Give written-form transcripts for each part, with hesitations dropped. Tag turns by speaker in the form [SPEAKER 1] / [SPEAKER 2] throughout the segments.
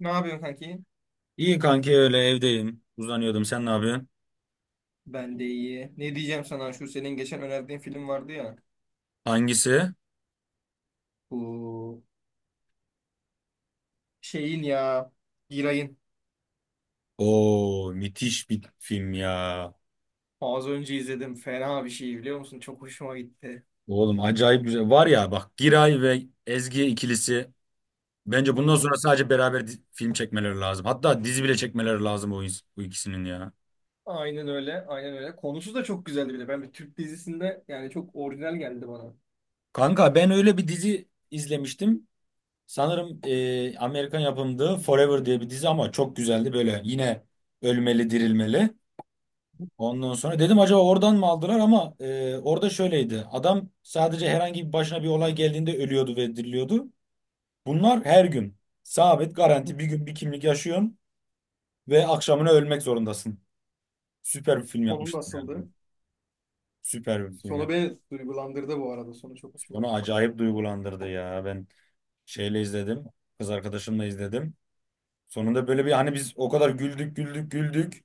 [SPEAKER 1] Ne yapıyorsun kanki?
[SPEAKER 2] İyi kanki öyle evdeyim. Uzanıyordum. Sen ne yapıyorsun?
[SPEAKER 1] Ben de iyi. Ne diyeceğim sana? Şu senin geçen önerdiğin film vardı ya.
[SPEAKER 2] Hangisi?
[SPEAKER 1] Bu şeyin ya. Giray'ın.
[SPEAKER 2] Oo, müthiş bir film ya.
[SPEAKER 1] Az önce izledim. Fena bir şey biliyor musun? Çok hoşuma gitti.
[SPEAKER 2] Oğlum acayip güzel. Var ya bak, Giray ve Ezgi ikilisi. Bence bundan sonra
[SPEAKER 1] Hmm.
[SPEAKER 2] sadece beraber film çekmeleri lazım. Hatta dizi bile çekmeleri lazım bu, bu ikisinin ya.
[SPEAKER 1] Aynen öyle. Aynen öyle. Konusu da çok güzeldi bile. Ben bir Türk dizisinde yani çok orijinal geldi bana.
[SPEAKER 2] Kanka, ben öyle bir dizi izlemiştim. Sanırım Amerikan yapımdı, Forever diye bir dizi ama çok güzeldi böyle. Yine ölmeli, dirilmeli. Ondan sonra dedim acaba oradan mı aldılar ama orada şöyleydi. Adam sadece herhangi bir başına bir olay geldiğinde ölüyordu ve diriliyordu. Bunlar her gün. Sabit garanti bir gün bir kimlik yaşıyorsun ve akşamına ölmek zorundasın. Süper bir film
[SPEAKER 1] Sonu
[SPEAKER 2] yapmıştım yani.
[SPEAKER 1] nasıldı?
[SPEAKER 2] Süper bir film
[SPEAKER 1] Sonu
[SPEAKER 2] ya.
[SPEAKER 1] beni duygulandırdı bu arada. Sonu çok hoşuma
[SPEAKER 2] Onu
[SPEAKER 1] gitti.
[SPEAKER 2] acayip duygulandırdı ya. Ben şeyle izledim. Kız arkadaşımla izledim. Sonunda böyle bir hani biz o kadar güldük güldük güldük.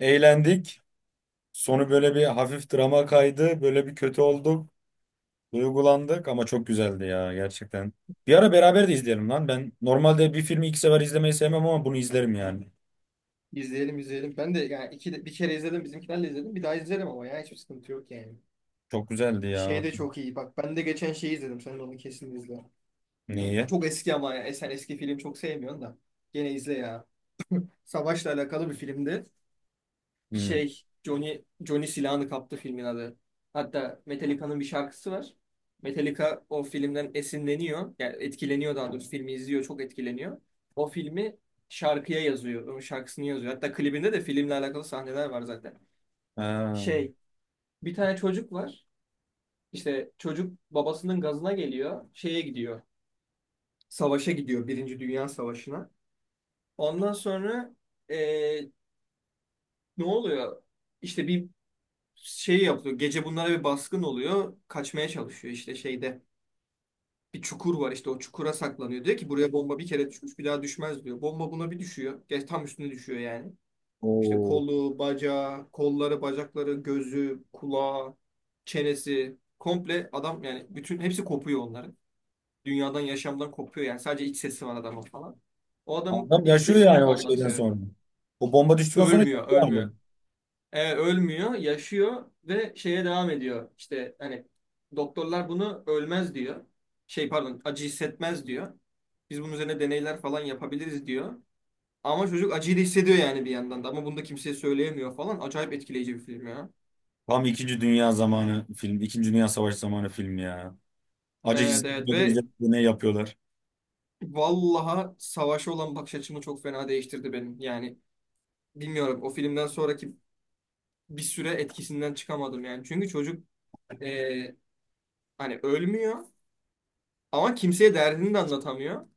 [SPEAKER 2] Eğlendik. Sonu böyle bir hafif drama kaydı. Böyle bir kötü olduk. Duygulandık ama çok güzeldi ya gerçekten. Bir ara beraber de izleyelim lan. Ben normalde bir filmi 2 sefer izlemeyi sevmem ama bunu izlerim yani.
[SPEAKER 1] İzleyelim izleyelim. Ben de yani iki de, bir kere izledim. Bizimkilerle izledim. Bir daha izlerim ama ya hiçbir sıkıntı yok yani.
[SPEAKER 2] Çok güzeldi
[SPEAKER 1] Şey
[SPEAKER 2] ya.
[SPEAKER 1] de çok iyi. Bak ben de geçen şeyi izledim. Sen de onu kesin izle.
[SPEAKER 2] Niye?
[SPEAKER 1] Çok eski ama ya. E, sen eski film çok sevmiyorsun da. Gene izle ya. Savaşla alakalı bir filmdi.
[SPEAKER 2] Hmm.
[SPEAKER 1] Şey, Johnny silahını kaptı filmin adı. Hatta Metallica'nın bir şarkısı var. Metallica o filmden esinleniyor. Yani etkileniyor daha doğrusu. Filmi izliyor, çok etkileniyor. O filmi şarkıya yazıyor. Onun şarkısını yazıyor. Hatta klibinde de filmle alakalı sahneler var zaten.
[SPEAKER 2] Ha.
[SPEAKER 1] Şey, bir tane çocuk var. İşte çocuk babasının gazına geliyor. Şeye gidiyor. Savaşa gidiyor. Birinci Dünya Savaşı'na. Ondan sonra eee, ne oluyor? İşte bir şey yapıyor. Gece bunlara bir baskın oluyor. Kaçmaya çalışıyor işte şeyde. Bir çukur var işte o çukura saklanıyor. Diyor ki buraya bomba bir kere düşmüş bir daha düşmez diyor. Bomba buna bir düşüyor. Geç tam üstüne düşüyor yani. İşte
[SPEAKER 2] Oo.
[SPEAKER 1] kolu, bacağı, kolları, bacakları, gözü, kulağı, çenesi. Komple adam yani bütün hepsi kopuyor onların. Dünyadan, yaşamdan kopuyor yani. Sadece iç sesi var adamın falan. O adamın
[SPEAKER 2] Adam
[SPEAKER 1] iç
[SPEAKER 2] yaşıyor
[SPEAKER 1] sesini
[SPEAKER 2] yani o şeyden
[SPEAKER 1] anlatıyor.
[SPEAKER 2] sonra. O bomba düştükten sonra
[SPEAKER 1] Ölmüyor,
[SPEAKER 2] yaşıyor hala.
[SPEAKER 1] ölmüyor. E, ölmüyor, yaşıyor ve şeye devam ediyor. İşte hani doktorlar bunu ölmez diyor. Şey pardon, acı hissetmez diyor. Biz bunun üzerine deneyler falan yapabiliriz diyor. Ama çocuk acıyı da hissediyor yani bir yandan da. Ama bunu da kimseye söyleyemiyor falan. Acayip etkileyici bir film ya.
[SPEAKER 2] Tam İkinci Dünya zamanı film. İkinci Dünya Savaşı zamanı film ya. Acı
[SPEAKER 1] Evet evet
[SPEAKER 2] hissetmiyordu,
[SPEAKER 1] ve
[SPEAKER 2] izledim de ne yapıyorlar.
[SPEAKER 1] vallaha savaşa olan bakış açımı çok fena değiştirdi benim. Yani bilmiyorum o filmden sonraki bir süre etkisinden çıkamadım yani. Çünkü çocuk e, hani ölmüyor ama kimseye derdini de anlatamıyor.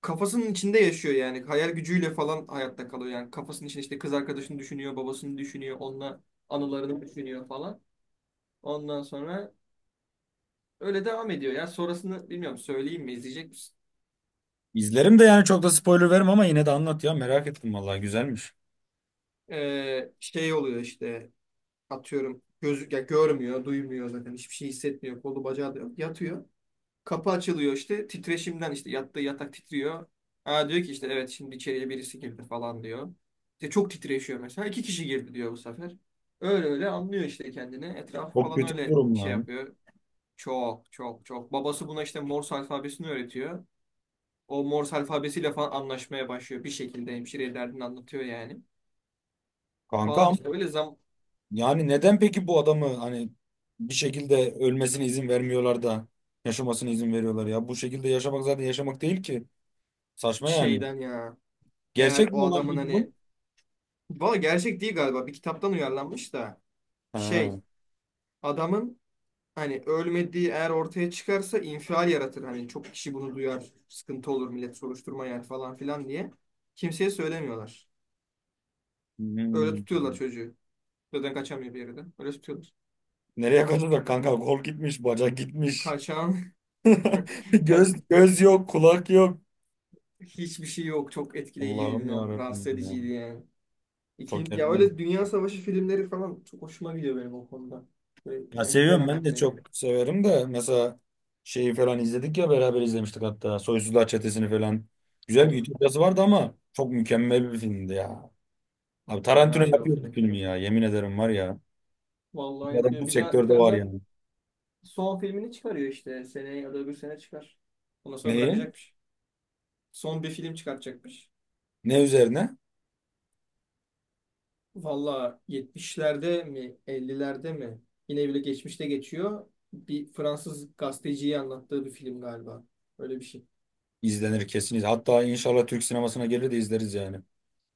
[SPEAKER 1] Kafasının içinde yaşıyor yani. Hayal gücüyle falan hayatta kalıyor yani. Kafasının içinde işte kız arkadaşını düşünüyor, babasını düşünüyor, onunla anılarını düşünüyor falan. Ondan sonra öyle devam ediyor. Yani sonrasını bilmiyorum söyleyeyim mi, izleyecek misin?
[SPEAKER 2] İzlerim de yani çok da spoiler vermem ama yine de anlat ya. Merak ettim vallahi, güzelmiş.
[SPEAKER 1] Şey oluyor işte atıyorum gözü ya görmüyor, duymuyor zaten hiçbir şey hissetmiyor. Kolu bacağı da yok. Yatıyor. Kapı açılıyor işte titreşimden işte yattığı yatak titriyor. Aa diyor ki işte evet şimdi içeriye birisi girdi falan diyor. İşte çok titreşiyor mesela. İki kişi girdi diyor bu sefer. Öyle öyle anlıyor işte kendini. Etrafı
[SPEAKER 2] Çok
[SPEAKER 1] falan
[SPEAKER 2] kötü bir
[SPEAKER 1] öyle
[SPEAKER 2] durum
[SPEAKER 1] şey
[SPEAKER 2] lan.
[SPEAKER 1] yapıyor. Çok çok çok. Babası buna işte Morse alfabesini öğretiyor. O Morse alfabesiyle falan anlaşmaya başlıyor. Bir şekilde hemşireye derdini anlatıyor yani. Falan
[SPEAKER 2] Kankam.
[SPEAKER 1] işte öyle
[SPEAKER 2] Yani neden peki bu adamı hani bir şekilde ölmesine izin vermiyorlar da yaşamasına izin veriyorlar ya? Bu şekilde yaşamak zaten yaşamak değil ki. Saçma yani.
[SPEAKER 1] şeyden ya. Eğer
[SPEAKER 2] Gerçek
[SPEAKER 1] o
[SPEAKER 2] mi olan
[SPEAKER 1] adamın
[SPEAKER 2] peki
[SPEAKER 1] hani...
[SPEAKER 2] bu?
[SPEAKER 1] Valla gerçek değil galiba. Bir kitaptan uyarlanmış da. Şey
[SPEAKER 2] Ha.
[SPEAKER 1] adamın hani ölmediği eğer ortaya çıkarsa infial yaratır. Hani çok kişi bunu duyar. Sıkıntı olur millet soruşturma yer falan filan diye. Kimseye söylemiyorlar. Öyle
[SPEAKER 2] Hmm.
[SPEAKER 1] tutuyorlar çocuğu. Zaten kaçamıyor bir yerden. Öyle tutuyorlar.
[SPEAKER 2] Nereye kadar da kanka, kol gitmiş, bacak gitmiş.
[SPEAKER 1] Kaçan kaç,
[SPEAKER 2] Göz göz yok, kulak yok.
[SPEAKER 1] hiçbir şey yok. Çok etkileyiciydi.
[SPEAKER 2] Allah'ım ya
[SPEAKER 1] Bilmiyorum. Rahatsız
[SPEAKER 2] Rabbim ya.
[SPEAKER 1] ediciydi yani.
[SPEAKER 2] Çok
[SPEAKER 1] İki, ya
[SPEAKER 2] gerçekten.
[SPEAKER 1] öyle Dünya Savaşı filmleri falan çok hoşuma gidiyor benim o konuda. Böyle,
[SPEAKER 2] Ya
[SPEAKER 1] ya güzel
[SPEAKER 2] seviyorum, ben de
[SPEAKER 1] anlatıyor
[SPEAKER 2] çok
[SPEAKER 1] yani.
[SPEAKER 2] severim de mesela şeyi falan izledik ya, beraber izlemiştik hatta Soysuzlar Çetesi'ni falan. Güzel bir
[SPEAKER 1] Of,
[SPEAKER 2] ütopyası vardı ama çok mükemmel bir filmdi ya. Abi Tarantino
[SPEAKER 1] fenaydı o
[SPEAKER 2] yapıyor bu
[SPEAKER 1] film.
[SPEAKER 2] filmi ya, yemin ederim var ya.
[SPEAKER 1] Vallahi
[SPEAKER 2] Bu adam bu
[SPEAKER 1] yapıyor. Bir daha bir
[SPEAKER 2] sektörde
[SPEAKER 1] tane
[SPEAKER 2] var
[SPEAKER 1] de
[SPEAKER 2] yani.
[SPEAKER 1] son filmini çıkarıyor işte. Seneye ya da öbür sene çıkar. Ondan sonra
[SPEAKER 2] Neyi?
[SPEAKER 1] bırakacakmış. Son bir film çıkartacakmış.
[SPEAKER 2] Ne üzerine?
[SPEAKER 1] Valla 70'lerde mi 50'lerde mi yine bile geçmişte geçiyor. Bir Fransız gazeteciyi anlattığı bir film galiba. Öyle bir şey.
[SPEAKER 2] İzlenir, kesin izlenir. Hatta inşallah Türk sinemasına gelir de izleriz yani.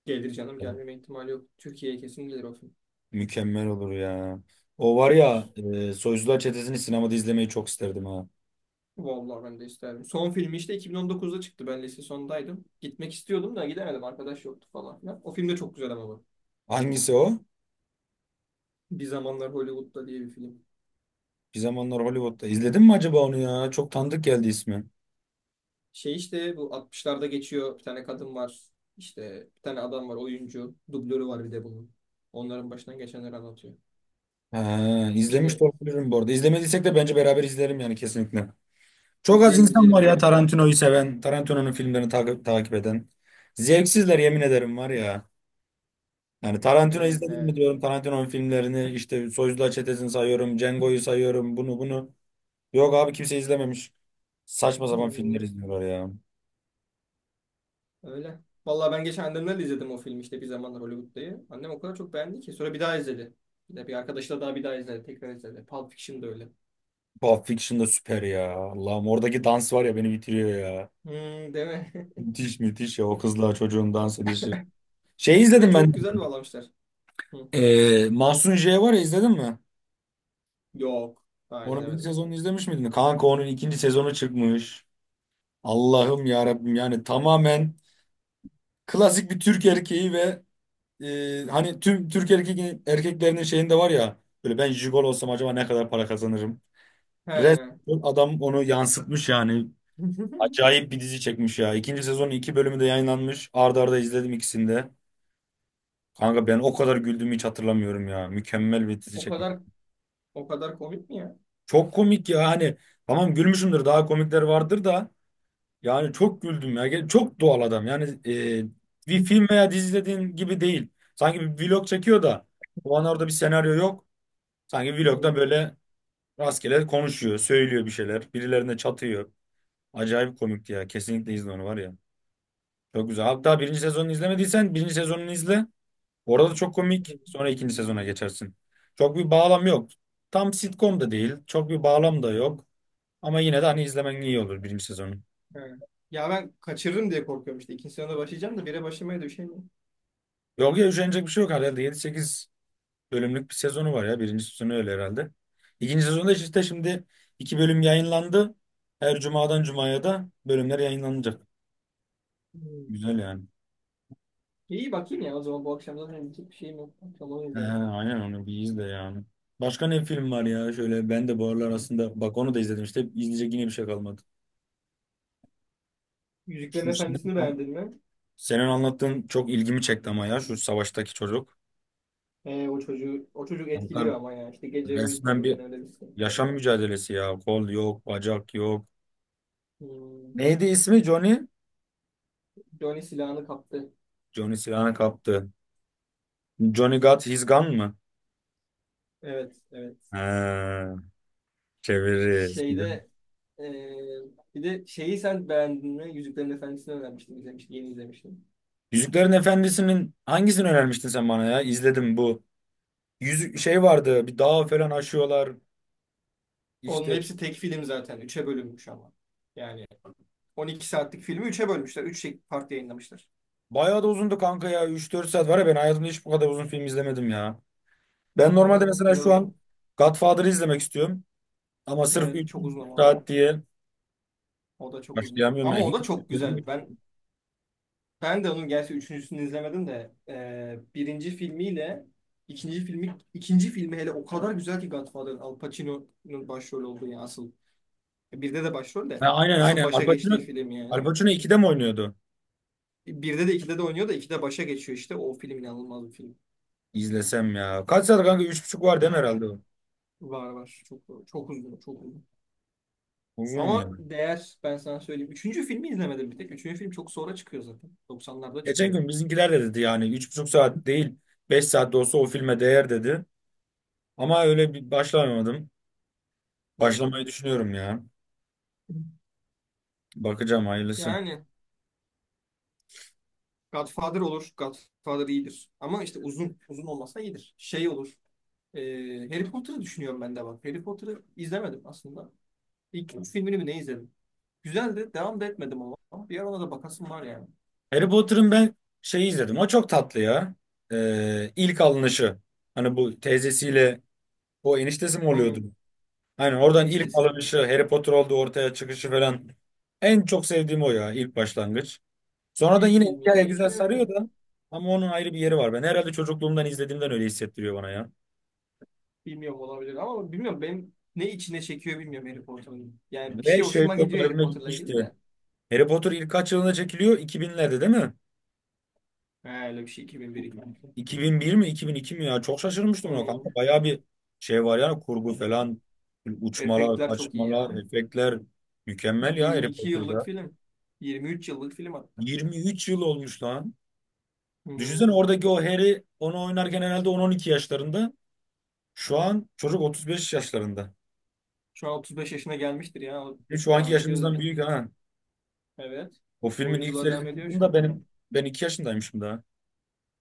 [SPEAKER 1] Gelir canım, gelmeme ihtimali yok. Türkiye'ye kesin gelir o film.
[SPEAKER 2] Mükemmel olur ya. O var ya Soysuzlar Çetesi'ni sinemada izlemeyi çok isterdim ha.
[SPEAKER 1] Vallahi ben de isterdim. Son filmi işte 2019'da çıktı. Ben lise sondaydım. Gitmek istiyordum da gidemedim. Arkadaş yoktu falan filan. O film de çok güzel ama. Bu.
[SPEAKER 2] Hangisi o?
[SPEAKER 1] Bir Zamanlar Hollywood'da diye bir film.
[SPEAKER 2] Bir Zamanlar Hollywood'da. İzledin mi acaba onu ya? Çok tanıdık geldi ismi.
[SPEAKER 1] Şey işte bu 60'larda geçiyor. Bir tane kadın var. İşte bir tane adam var oyuncu. Dublörü var bir de bunun. Onların başından geçenleri anlatıyor.
[SPEAKER 2] Ha, izlemiş
[SPEAKER 1] İşte
[SPEAKER 2] de olabilirim bu arada. İzlemediysek de bence beraber izlerim yani kesinlikle. Çok az
[SPEAKER 1] izleyelim
[SPEAKER 2] insan
[SPEAKER 1] izleyelim
[SPEAKER 2] var
[SPEAKER 1] bir
[SPEAKER 2] ya
[SPEAKER 1] vakitte.
[SPEAKER 2] Tarantino'yu seven, Tarantino'nun filmlerini takip eden. Zevksizler, yemin ederim var ya. Yani Tarantino
[SPEAKER 1] Evet
[SPEAKER 2] izledim mi
[SPEAKER 1] evet.
[SPEAKER 2] diyorum, Tarantino'nun filmlerini işte Soyuzlar Çetesi'ni sayıyorum, Django'yu sayıyorum, bunu bunu. Yok abi, kimse izlememiş. Saçma sapan filmler
[SPEAKER 1] Hmm,
[SPEAKER 2] izliyorlar ya.
[SPEAKER 1] öyle. Vallahi ben geçen annemlerle izledim o filmi işte Bir Zamanlar Hollywood'dayı. Annem o kadar çok beğendi ki. Sonra bir daha izledi. Bir de bir arkadaşla daha bir daha izledi. Tekrar izledi. Pulp Fiction da öyle.
[SPEAKER 2] Pulp Fiction da süper ya. Allah'ım, oradaki dans var ya beni bitiriyor ya.
[SPEAKER 1] Hmm, değil mi?
[SPEAKER 2] Müthiş müthiş ya o kızla çocuğun dans edişi. Şey
[SPEAKER 1] Ve
[SPEAKER 2] izledim ben.
[SPEAKER 1] çok güzel bağlamışlar. Hı.
[SPEAKER 2] Mahsun J var ya, izledin mi?
[SPEAKER 1] Yok. Daha
[SPEAKER 2] Onun bir
[SPEAKER 1] izlemedim.
[SPEAKER 2] sezonunu izlemiş miydin? Kanka onun ikinci sezonu çıkmış. Allah'ım ya Rabbim, yani tamamen klasik bir Türk erkeği ve hani tüm Türk erkeklerinin şeyinde var ya böyle, ben jigolo olsam acaba ne kadar para kazanırım?
[SPEAKER 1] He.
[SPEAKER 2] Resmen adam onu yansıtmış yani. Acayip bir dizi çekmiş ya. İkinci sezonun 2 bölümü de yayınlanmış. Arda arda izledim ikisini de. Kanka, ben o kadar güldüğümü hiç hatırlamıyorum ya. Mükemmel bir dizi
[SPEAKER 1] O
[SPEAKER 2] çekmiş.
[SPEAKER 1] kadar o kadar komik mi ya?
[SPEAKER 2] Çok komik ya, hani tamam gülmüşümdür, daha komikler vardır da yani çok güldüm ya. Çok doğal adam. Yani bir film veya dizi izlediğin gibi değil. Sanki bir vlog çekiyor da o an orada bir senaryo yok. Sanki vlogda böyle rastgele konuşuyor, söylüyor bir şeyler. Birilerine çatıyor. Acayip komikti ya. Kesinlikle izle onu var ya. Çok güzel. Hatta birinci sezonunu izlemediysen birinci sezonunu izle. Orada da çok komik.
[SPEAKER 1] Hı.
[SPEAKER 2] Sonra ikinci sezona geçersin. Çok bir bağlam yok. Tam sitcom da değil. Çok bir bağlam da yok. Ama yine de hani izlemen iyi olur birinci sezonu.
[SPEAKER 1] He. Ya ben kaçırırım diye korkuyorum işte. İkinci sınavda başlayacağım da bire başlamaya düşemiyorum.
[SPEAKER 2] Yok ya, üşenecek bir şey yok herhalde. 7-8 bölümlük bir sezonu var ya. Birinci sezonu öyle herhalde. İkinci sezonda işte şimdi 2 bölüm yayınlandı. Her cumadan cumaya da bölümler yayınlanacak.
[SPEAKER 1] Hmm.
[SPEAKER 2] Güzel yani.
[SPEAKER 1] İyi bakayım ya, o zaman bu akşam zaten gidecek bir şeyim yok. Akşam onu
[SPEAKER 2] He,
[SPEAKER 1] izlerim.
[SPEAKER 2] aynen onu bir izle yani. Başka ne film var ya? Şöyle ben de bu aralar aslında, bak onu da izledim işte. İzleyecek yine bir şey kalmadı.
[SPEAKER 1] Yüzüklerin
[SPEAKER 2] Şu
[SPEAKER 1] Efendisi'ni
[SPEAKER 2] senin,
[SPEAKER 1] beğendin mi?
[SPEAKER 2] senin anlattığın çok ilgimi çekti ama ya, şu savaştaki çocuk.
[SPEAKER 1] O çocuğu o çocuk
[SPEAKER 2] Kanka
[SPEAKER 1] etkiliyor ama ya. İşte gece
[SPEAKER 2] resmen
[SPEAKER 1] uyutmadı,
[SPEAKER 2] bir
[SPEAKER 1] ben öyle bir sıkıntı var.
[SPEAKER 2] yaşam mücadelesi ya. Kol yok, bacak yok.
[SPEAKER 1] Hmm.
[SPEAKER 2] Neydi ismi, Johnny?
[SPEAKER 1] Johnny silahını kaptı.
[SPEAKER 2] Johnny silahını kaptı. Johnny Got His Gun mı?
[SPEAKER 1] Evet, evet.
[SPEAKER 2] Ha, çeviririz. Güzel.
[SPEAKER 1] Şeyde ee, bir de şeyi sen beğendin mi? Yüzüklerin Efendisi'ni öğrenmiştim, izlemiştim, yeni izlemiştim.
[SPEAKER 2] Yüzüklerin Efendisi'nin hangisini önermiştin sen bana ya? İzledim bu. Yüzük şey vardı. Bir dağ falan aşıyorlar.
[SPEAKER 1] Onun
[SPEAKER 2] İşte
[SPEAKER 1] hepsi tek film zaten. Üçe bölünmüş ama. Yani 12 saatlik filmi üçe bölmüşler. Üç part yayınlamışlar.
[SPEAKER 2] bayağı da uzundu kanka ya. 3-4 saat var ya, ben hayatımda hiç bu kadar uzun film izlemedim ya. Ben normalde
[SPEAKER 1] Hmm.
[SPEAKER 2] mesela
[SPEAKER 1] Biraz
[SPEAKER 2] şu an
[SPEAKER 1] uzun.
[SPEAKER 2] Godfather'ı izlemek istiyorum. Ama sırf
[SPEAKER 1] Evet
[SPEAKER 2] 3
[SPEAKER 1] çok uzun ama o da.
[SPEAKER 2] saat diye
[SPEAKER 1] O da çok uzun.
[SPEAKER 2] başlayamıyorum
[SPEAKER 1] Ama
[SPEAKER 2] yani.
[SPEAKER 1] o da çok güzel. Ben de onun gerçi üçüncüsünü izlemedim de birinci filmiyle ikinci filmi hele o kadar güzel ki Godfather'ın, Al Pacino'nun başrol olduğu yani asıl. E, birde de başrol de
[SPEAKER 2] Ha, aynen
[SPEAKER 1] asıl
[SPEAKER 2] aynen.
[SPEAKER 1] başa
[SPEAKER 2] Al Pacino,
[SPEAKER 1] geçtiği film
[SPEAKER 2] Al
[SPEAKER 1] yani.
[SPEAKER 2] Pacino 2'de mi oynuyordu?
[SPEAKER 1] E, birde de ikide de oynuyor da ikide başa geçiyor işte. O film inanılmaz bir film.
[SPEAKER 2] İzlesem ya. Kaç saat kanka? 3,5 var değil mi herhalde, o?
[SPEAKER 1] Var var. Çok çok uzun. Çok uzun.
[SPEAKER 2] Uzun ya.
[SPEAKER 1] Ama değer, ben sana söyleyeyim. Üçüncü filmi izlemedim bir tek. Üçüncü film çok sonra çıkıyor zaten. Doksanlarda
[SPEAKER 2] Geçen
[SPEAKER 1] çıkıyor.
[SPEAKER 2] gün bizimkiler de dedi yani 3,5 saat değil, 5 saat de olsa o filme değer dedi. Ama öyle bir başlamadım.
[SPEAKER 1] Hmm.
[SPEAKER 2] Başlamayı düşünüyorum ya. Bakacağım hayırlısı.
[SPEAKER 1] Yani Godfather olur. Godfather iyidir. Ama işte uzun, uzun olmasa iyidir. Şey olur. Harry Potter'ı düşünüyorum ben de bak. Harry Potter'ı izlemedim aslında. İlk üç filmini mi ne izledim? Güzeldi. Devam da etmedim ama. Bir ara ona da bakasım var yani.
[SPEAKER 2] Harry Potter'ın ben şeyi izledim. O çok tatlı ya. İlk alınışı. Hani bu teyzesiyle o eniştesi mi oluyordu?
[SPEAKER 1] Hmm.
[SPEAKER 2] Hani oradan
[SPEAKER 1] Ne
[SPEAKER 2] ilk
[SPEAKER 1] istesin.
[SPEAKER 2] alınışı Harry Potter oldu, ortaya çıkışı falan. En çok sevdiğim o ya, ilk başlangıç. Sonradan
[SPEAKER 1] İlk
[SPEAKER 2] yine
[SPEAKER 1] filmi ya.
[SPEAKER 2] hikaye
[SPEAKER 1] İlk
[SPEAKER 2] güzel
[SPEAKER 1] filmi ne?
[SPEAKER 2] sarıyor da ama onun ayrı bir yeri var. Ben herhalde çocukluğumdan izlediğimden öyle hissettiriyor bana ya.
[SPEAKER 1] Bilmiyorum, olabilir ama bilmiyorum benim ne içine çekiyor bilmiyorum Harry Potter'ın. Yani bir
[SPEAKER 2] Ve
[SPEAKER 1] şey
[SPEAKER 2] şey
[SPEAKER 1] hoşuma
[SPEAKER 2] çok
[SPEAKER 1] gidiyor Harry
[SPEAKER 2] garibime
[SPEAKER 1] Potter'la ilgili
[SPEAKER 2] gitmişti.
[SPEAKER 1] de.
[SPEAKER 2] Harry Potter ilk kaç yılında çekiliyor? 2000'lerde değil mi?
[SPEAKER 1] He, öyle bir şey 2001 2002.
[SPEAKER 2] 2001 mi 2002 mi ya? Çok şaşırmıştım ona
[SPEAKER 1] Hmm.
[SPEAKER 2] kanka. Bayağı bir şey var yani, kurgu falan. Uçmalar,
[SPEAKER 1] Efektler çok iyi
[SPEAKER 2] kaçmalar,
[SPEAKER 1] ya.
[SPEAKER 2] efektler. Mükemmel ya Harry
[SPEAKER 1] 22 yıllık
[SPEAKER 2] Potter'da.
[SPEAKER 1] film. 23 yıllık film hatta.
[SPEAKER 2] 23 yıl olmuş lan. Düşünsene,
[SPEAKER 1] Hmm.
[SPEAKER 2] oradaki o Harry onu oynarken herhalde 10-12 yaşlarında. Şu an çocuk 35 yaşlarında.
[SPEAKER 1] Şu an 35 yaşına gelmiştir ya. O
[SPEAKER 2] Şu anki
[SPEAKER 1] devam ediyor
[SPEAKER 2] yaşımızdan
[SPEAKER 1] zaten.
[SPEAKER 2] büyük ha.
[SPEAKER 1] Evet.
[SPEAKER 2] O filmin ilk
[SPEAKER 1] Oyunculuğa devam
[SPEAKER 2] serisi
[SPEAKER 1] ediyor şu
[SPEAKER 2] çıktığında
[SPEAKER 1] an.
[SPEAKER 2] benim ben 2 yaşındaymışım daha.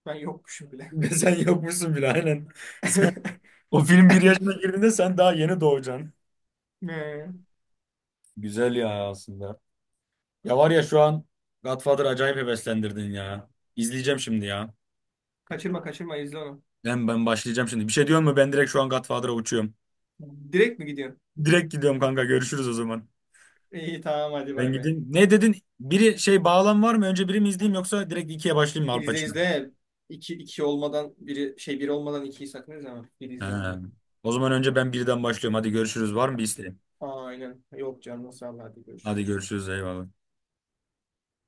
[SPEAKER 1] Ben yokmuşum bile.
[SPEAKER 2] Sen yokmuşsun bile aynen. O film bir yaşına girdiğinde sen daha yeni doğacaksın.
[SPEAKER 1] He.
[SPEAKER 2] Güzel ya aslında. Ya var ya şu an Godfather acayip heveslendirdin ya. İzleyeceğim şimdi ya.
[SPEAKER 1] Kaçırma kaçırma, izle onu.
[SPEAKER 2] Ben başlayacağım şimdi. Bir şey diyor mu? Ben direkt şu an Godfather'a uçuyorum.
[SPEAKER 1] Direkt mi gidiyorsun?
[SPEAKER 2] Direkt gidiyorum kanka. Görüşürüz o zaman.
[SPEAKER 1] İyi tamam, hadi
[SPEAKER 2] Ben
[SPEAKER 1] bay bay.
[SPEAKER 2] gideyim. Ne dedin? Biri şey bağlam var mı? Önce biri mi izleyeyim, yoksa direkt ikiye başlayayım mı, Al
[SPEAKER 1] İzle
[SPEAKER 2] Pacino?
[SPEAKER 1] izle. İki, iki olmadan biri biri olmadan ikiyi sakın izleme. Biri
[SPEAKER 2] He.
[SPEAKER 1] izle önce.
[SPEAKER 2] O zaman önce ben birden başlıyorum. Hadi görüşürüz. Var mı bir isteğin?
[SPEAKER 1] Aynen. Yok canım sağ ol, hadi
[SPEAKER 2] Hadi
[SPEAKER 1] görüşürüz.
[SPEAKER 2] görüşürüz. Eyvallah.